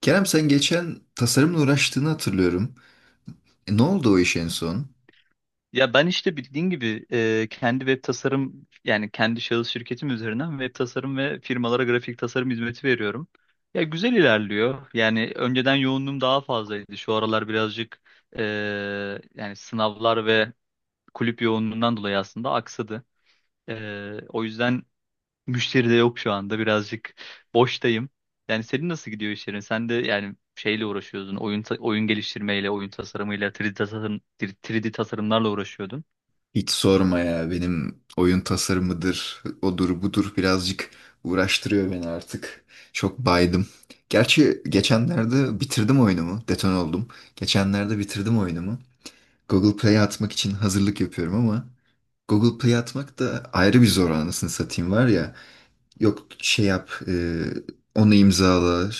Kerem sen geçen tasarımla uğraştığını hatırlıyorum. Ne oldu o iş en son? Ya ben işte bildiğin gibi kendi web tasarım yani kendi şahıs şirketim üzerinden web tasarım ve firmalara grafik tasarım hizmeti veriyorum. Ya güzel ilerliyor. Yani önceden yoğunluğum daha fazlaydı. Şu aralar birazcık e, yani sınavlar ve kulüp yoğunluğundan dolayı aslında aksadı. O yüzden müşteri de yok şu anda. Birazcık boştayım. Yani senin nasıl gidiyor işlerin? Sen de yani şeyle uğraşıyordun. Oyun geliştirmeyle, oyun tasarımıyla, 3D tasarımlarla uğraşıyordun. Hiç sorma ya, benim oyun tasarımıdır, odur budur birazcık uğraştırıyor beni artık. Çok baydım. Gerçi geçenlerde bitirdim oyunumu, deton oldum. Geçenlerde bitirdim oyunumu. Google Play'e atmak için hazırlık yapıyorum ama Google Play'e atmak da ayrı bir zor, anasını satayım var ya. Yok şey yap, onu imzala,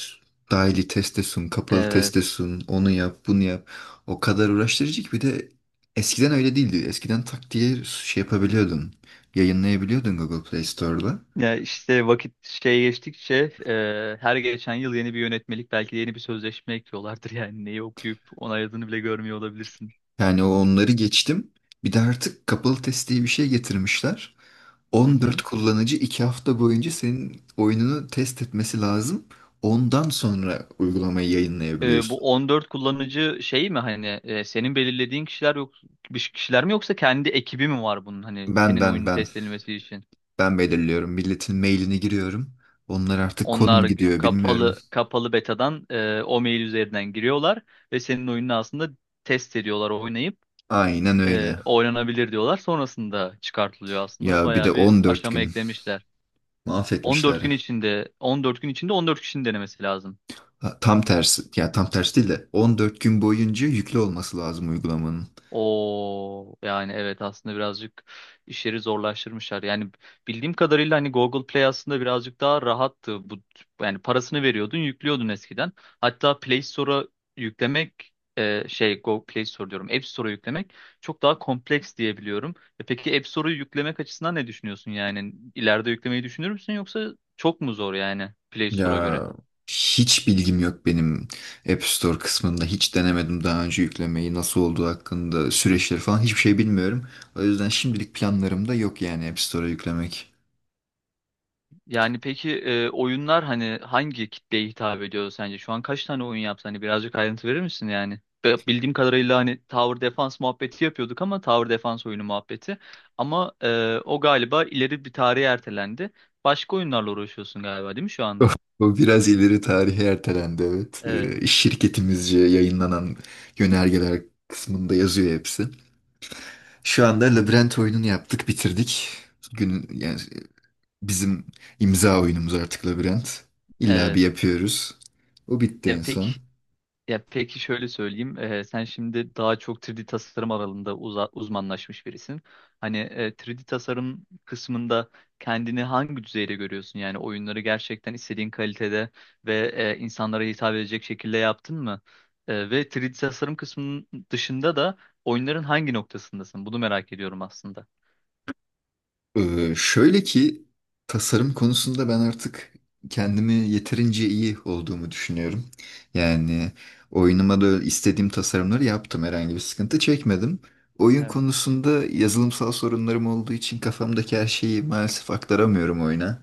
dahili teste sun, kapalı teste Evet. sun, onu yap, bunu yap. O kadar uğraştırıcı ki, bir de eskiden öyle değildi. Eskiden tak diye şey yapabiliyordun, yayınlayabiliyordun Google Play Store'da. Ya işte vakit geçtikçe her geçen yıl yeni bir yönetmelik belki de yeni bir sözleşme ekliyorlardır yani neyi okuyup onayladığını bile görmüyor olabilirsin. Yani o onları geçtim. Bir de artık kapalı test diye bir şey getirmişler. Hı 14 hı. kullanıcı 2 hafta boyunca senin oyununu test etmesi lazım. Ondan sonra uygulamayı E, yayınlayabiliyorsun. bu 14 kullanıcı şey mi, hani senin belirlediğin kişiler, yok bir kişiler mi, yoksa kendi ekibi mi var bunun, hani Ben senin ben oyunun ben test edilmesi için? Ben belirliyorum. Milletin mailini giriyorum. Onlar artık kod mu Onlar gidiyor bilmiyorum. kapalı betadan o mail üzerinden giriyorlar ve senin oyununu aslında test ediyorlar, oynayıp Aynen öyle. oynanabilir diyorlar. Sonrasında çıkartılıyor aslında. Ya bir de Bayağı bir 14 aşama gün eklemişler. 14 mahvetmişler. gün içinde 14 gün içinde 14 kişinin denemesi lazım. Ha, tam tersi. Ya tam tersi değil de 14 gün boyunca yüklü olması lazım uygulamanın. O, yani evet, aslında birazcık işleri zorlaştırmışlar. Yani bildiğim kadarıyla hani Google Play aslında birazcık daha rahattı. Bu, yani parasını veriyordun, yüklüyordun eskiden. Hatta Play Store'a yüklemek Google Play Store diyorum. App Store'a yüklemek çok daha kompleks diyebiliyorum. E peki, App Store'u yüklemek açısından ne düşünüyorsun yani? İleride yüklemeyi düşünür müsün, yoksa çok mu zor yani Play Store'a Ya, göre? hiç bilgim yok benim App Store kısmında. Hiç denemedim daha önce yüklemeyi, nasıl olduğu hakkında, süreçleri falan hiçbir şey bilmiyorum. O yüzden şimdilik planlarım da yok yani App Store'a yüklemek. Yani peki oyunlar hani hangi kitleye hitap ediyor sence? Şu an kaç tane oyun yaptı? Hani birazcık ayrıntı verir misin yani? Bildiğim kadarıyla hani Tower Defense muhabbeti yapıyorduk, ama Tower Defense oyunu muhabbeti. Ama o galiba ileri bir tarihe ertelendi. Başka oyunlarla uğraşıyorsun galiba, değil mi şu O anda? o biraz ileri tarihe ertelendi evet. Evet. Şirketimizce yayınlanan yönergeler kısmında yazıyor hepsi. Şu anda Labirent oyununu yaptık, bitirdik. Yani bizim imza oyunumuz artık Labirent. İlla Evet. bir yapıyoruz. O bitti en Ya peki son. Ya peki, şöyle söyleyeyim. Sen şimdi daha çok 3D tasarım alanında uzmanlaşmış birisin. Hani 3D tasarım kısmında kendini hangi düzeyde görüyorsun? Yani oyunları gerçekten istediğin kalitede ve insanlara hitap edecek şekilde yaptın mı? E, ve 3D tasarım kısmının dışında da oyunların hangi noktasındasın? Bunu merak ediyorum aslında. Şöyle ki tasarım konusunda ben artık kendimi yeterince iyi olduğumu düşünüyorum. Yani oyunuma da istediğim tasarımları yaptım. Herhangi bir sıkıntı çekmedim. Oyun konusunda yazılımsal sorunlarım olduğu için kafamdaki her şeyi maalesef aktaramıyorum oyuna.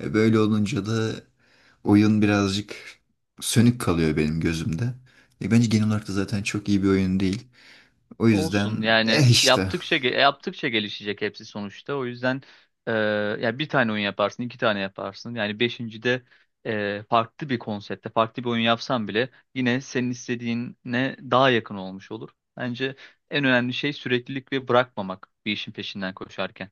Böyle olunca da oyun birazcık sönük kalıyor benim gözümde. Bence genel olarak da zaten çok iyi bir oyun değil. O Olsun, yüzden yani eh işte. Yaptıkça gelişecek hepsi sonuçta. O yüzden e, ya bir tane oyun yaparsın, iki tane yaparsın. Yani beşincide farklı bir konsepte, farklı bir oyun yapsan bile yine senin istediğine daha yakın olmuş olur. Bence en önemli şey süreklilik ve bırakmamak bir işin peşinden koşarken.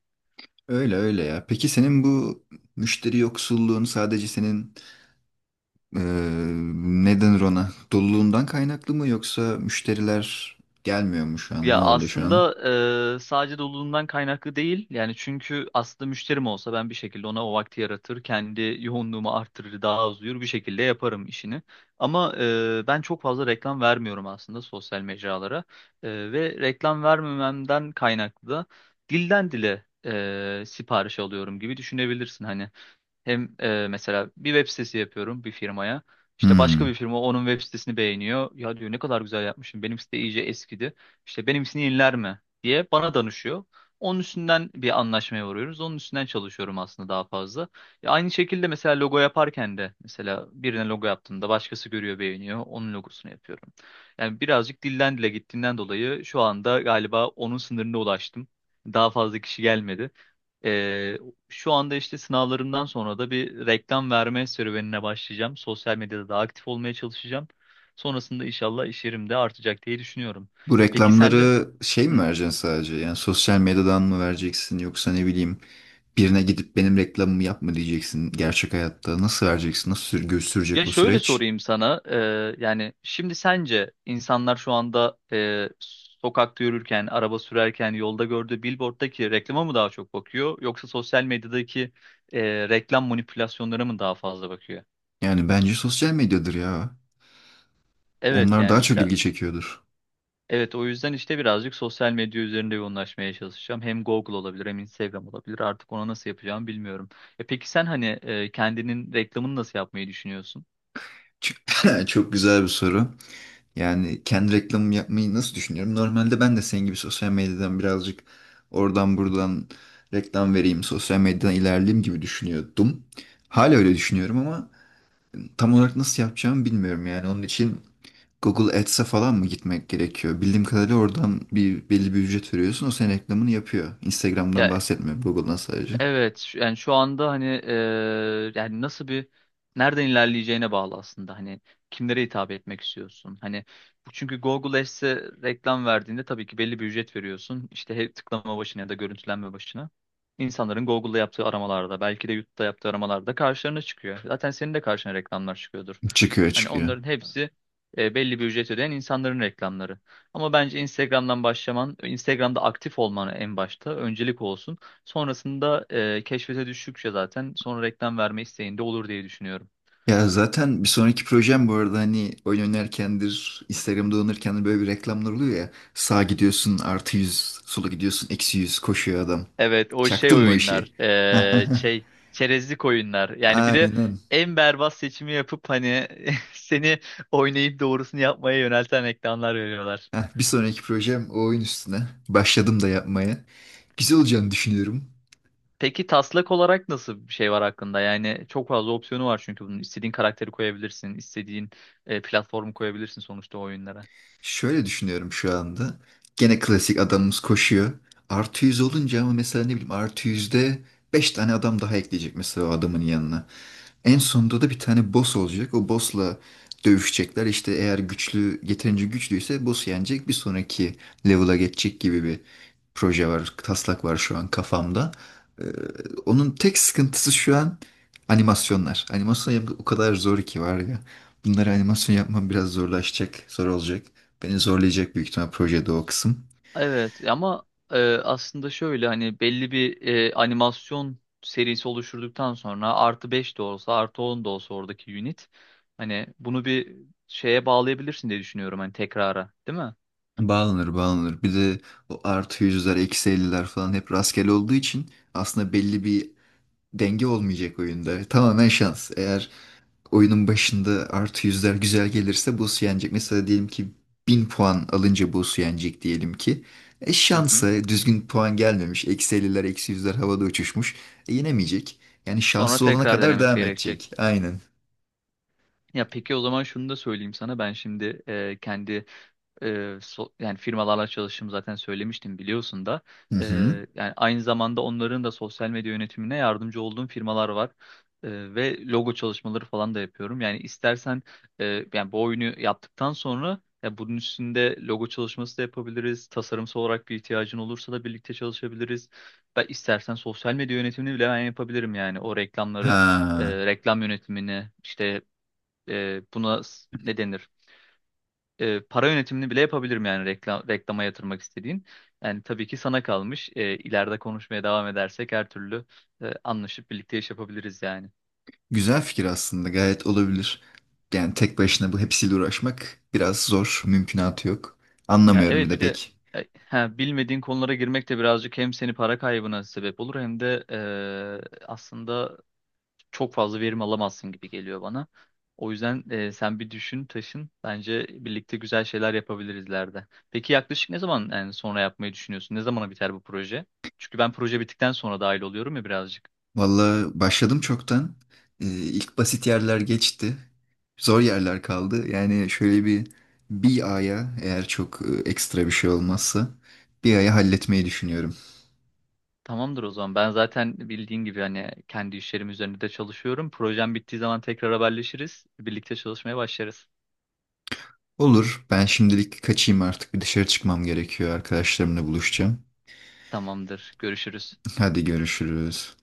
Öyle öyle ya. Peki senin bu müşteri yoksulluğun sadece senin eee ne denir ona? Doluluğundan kaynaklı mı yoksa müşteriler gelmiyor mu şu an? Ne Ya oldu şu an? aslında sadece doluluğundan kaynaklı değil. Yani çünkü aslında müşterim olsa ben bir şekilde ona o vakti yaratır, kendi yoğunluğumu arttırır, daha az uyur bir şekilde yaparım işini. Ama ben çok fazla reklam vermiyorum aslında sosyal mecralara. Ve reklam vermememden kaynaklı da dilden dile sipariş alıyorum gibi düşünebilirsin hani. Hem mesela bir web sitesi yapıyorum bir firmaya. İşte başka Hmm. bir firma onun web sitesini beğeniyor. Ya, diyor, ne kadar güzel yapmışım. Benim site iyice eskidi. İşte benimkisini yeniler mi diye bana danışıyor. Onun üstünden bir anlaşmaya varıyoruz. Onun üstünden çalışıyorum aslında daha fazla. Ya aynı şekilde mesela logo yaparken de, mesela birine logo yaptığımda başkası görüyor, beğeniyor. Onun logosunu yapıyorum. Yani birazcık dilden dile gittiğinden dolayı şu anda galiba onun sınırına ulaştım. Daha fazla kişi gelmedi şu anda. İşte sınavlarımdan sonra da bir reklam verme serüvenine başlayacağım. Sosyal medyada da aktif olmaya çalışacağım. Sonrasında inşallah iş yerim de artacak diye düşünüyorum. Bu E peki sen de. reklamları şey Hı. mi vereceksin sadece? Yani sosyal medyadan mı vereceksin, yoksa ne bileyim, birine gidip benim reklamımı yapma diyeceksin gerçek hayatta? Nasıl vereceksin? Nasıl sür gösterecek Ya o şöyle süreç? sorayım sana. Yani şimdi sence insanlar şu anda sokakta yürürken, araba sürerken, yolda gördüğü billboard'daki reklama mı daha çok bakıyor, yoksa sosyal medyadaki e, reklam manipülasyonlarına mı daha fazla bakıyor? Yani bence sosyal medyadır ya. Evet Onlar daha yani çok biraz. ilgi çekiyordur. Evet, o yüzden işte birazcık sosyal medya üzerinde yoğunlaşmaya çalışacağım. Hem Google olabilir, hem Instagram olabilir. Artık ona nasıl yapacağımı bilmiyorum. E peki sen, hani kendinin reklamını nasıl yapmayı düşünüyorsun? Çok çok güzel bir soru. Yani kendi reklamımı yapmayı nasıl düşünüyorum? Normalde ben de senin gibi sosyal medyadan birazcık oradan buradan reklam vereyim, sosyal medyadan ilerleyeyim gibi düşünüyordum. Hala öyle düşünüyorum ama tam olarak nasıl yapacağımı bilmiyorum yani. Onun için Google Ads'e falan mı gitmek gerekiyor? Bildiğim kadarıyla oradan bir belli bir ücret veriyorsun. O senin reklamını yapıyor. Instagram'dan Ya bahsetmiyorum, Google'dan sadece. Evet, yani şu anda hani yani nasıl bir nereden ilerleyeceğine bağlı aslında. Hani kimlere hitap etmek istiyorsun? Hani bu, çünkü Google Ads'e reklam verdiğinde tabii ki belli bir ücret veriyorsun. İşte tıklama başına ya da görüntülenme başına. İnsanların Google'da yaptığı aramalarda, belki de YouTube'da yaptığı aramalarda karşılarına çıkıyor. Zaten senin de karşına reklamlar çıkıyordur. Çıkıyor Hani çıkıyor. onların hepsi belli bir ücret ödeyen insanların reklamları. Ama bence Instagram'dan başlaman, Instagram'da aktif olman en başta öncelik olsun. Sonrasında keşfete düştükçe zaten sonra reklam verme isteğinde olur diye düşünüyorum. Ya zaten bir sonraki projem, bu arada hani oyun oynarkendir, Instagram'da oynarken böyle bir reklamlar oluyor ya. Sağa gidiyorsun artı 100, sola gidiyorsun eksi yüz, koşuyor adam. Evet, o şey Çaktın mı o oyunlar, işi? Çerezlik oyunlar yani. Bir de Aynen. en berbat seçimi yapıp hani seni oynayıp doğrusunu yapmaya yönelten reklamlar veriyorlar. Heh, bir sonraki projem o oyun üstüne. Başladım da yapmaya. Güzel olacağını düşünüyorum. Peki taslak olarak nasıl bir şey var hakkında? Yani çok fazla opsiyonu var çünkü bunun, istediğin karakteri koyabilirsin, istediğin platformu koyabilirsin sonuçta o oyunlara. Şöyle düşünüyorum şu anda. Gene klasik adamımız koşuyor. Artı 100 olunca ama, mesela ne bileyim, artı yüzde 5 tane adam daha ekleyecek mesela o adamın yanına. En sonunda da bir tane boss olacak. O boss'la dövüşecekler. İşte eğer güçlü, yeterince güçlüyse boss'u yenecek. Bir sonraki level'a geçecek gibi bir proje var. Taslak var şu an kafamda. Ee, Onun tek sıkıntısı şu an animasyonlar. Animasyon yapmak o kadar zor ki var ya. Bunları animasyon yapmam biraz zorlaşacak, zor olacak. Beni zorlayacak büyük ihtimal projede o kısım. Evet ama aslında şöyle, hani belli bir animasyon serisi oluşturduktan sonra, artı 5 de olsa artı 10 da olsa, oradaki unit, hani bunu bir şeye bağlayabilirsin diye düşünüyorum, hani tekrara, değil mi? Bağlanır bağlanır. Bir de o artı yüzler, eksi elliler falan hep rastgele olduğu için aslında belli bir denge olmayacak oyunda. Tamamen şans. Eğer oyunun başında artı yüzler güzel gelirse boss yenecek. Mesela diyelim ki 1000 puan alınca boss yenecek diyelim ki. E Hı hı. şansa düzgün puan gelmemiş. Eksi 50'ler, eksi yüzler havada uçuşmuş. E yenemeyecek. Yani Sonra şanslı olana tekrar kadar denemesi devam gerekecek. edecek. Aynen. Ya peki, o zaman şunu da söyleyeyim sana. Ben şimdi yani firmalarla çalıştığımı zaten söylemiştim, biliyorsun da. Hı hı. Yani aynı zamanda onların da sosyal medya yönetimine yardımcı olduğum firmalar var. Ve logo çalışmaları falan da yapıyorum. Yani istersen yani bu oyunu yaptıktan sonra, ya bunun üstünde logo çalışması da yapabiliriz. Tasarımsal olarak bir ihtiyacın olursa da birlikte çalışabiliriz. Ben istersen sosyal medya yönetimini bile ben yapabilirim yani. O reklamları, Ha, reklam yönetimini, işte ne denir? Para yönetimini bile yapabilirim yani, reklam, reklama yatırmak istediğin. Yani tabii ki sana kalmış. E, ileride konuşmaya devam edersek her türlü anlaşıp birlikte iş yapabiliriz yani. güzel fikir aslında. Gayet olabilir. Yani tek başına bu hepsiyle uğraşmak biraz zor. Mümkünatı yok. Ya Anlamıyorum bir evet, de bir de pek. Bilmediğin konulara girmek de birazcık hem seni para kaybına sebep olur, hem de aslında çok fazla verim alamazsın gibi geliyor bana. O yüzden sen bir düşün, taşın. Bence birlikte güzel şeyler yapabiliriz ileride. Peki yaklaşık ne zaman yani sonra yapmayı düşünüyorsun? Ne zamana biter bu proje? Çünkü ben proje bittikten sonra dahil oluyorum ya birazcık. Vallahi başladım çoktan. İlk basit yerler geçti. Zor yerler kaldı. Yani şöyle bir aya, eğer çok ekstra bir şey olmazsa, bir aya halletmeyi düşünüyorum. Tamamdır o zaman. Ben zaten bildiğin gibi hani kendi işlerim üzerinde de çalışıyorum. Projem bittiği zaman tekrar haberleşiriz. Birlikte çalışmaya başlarız. Olur. Ben şimdilik kaçayım artık. Bir dışarı çıkmam gerekiyor. Arkadaşlarımla buluşacağım. Tamamdır. Görüşürüz. Hadi görüşürüz.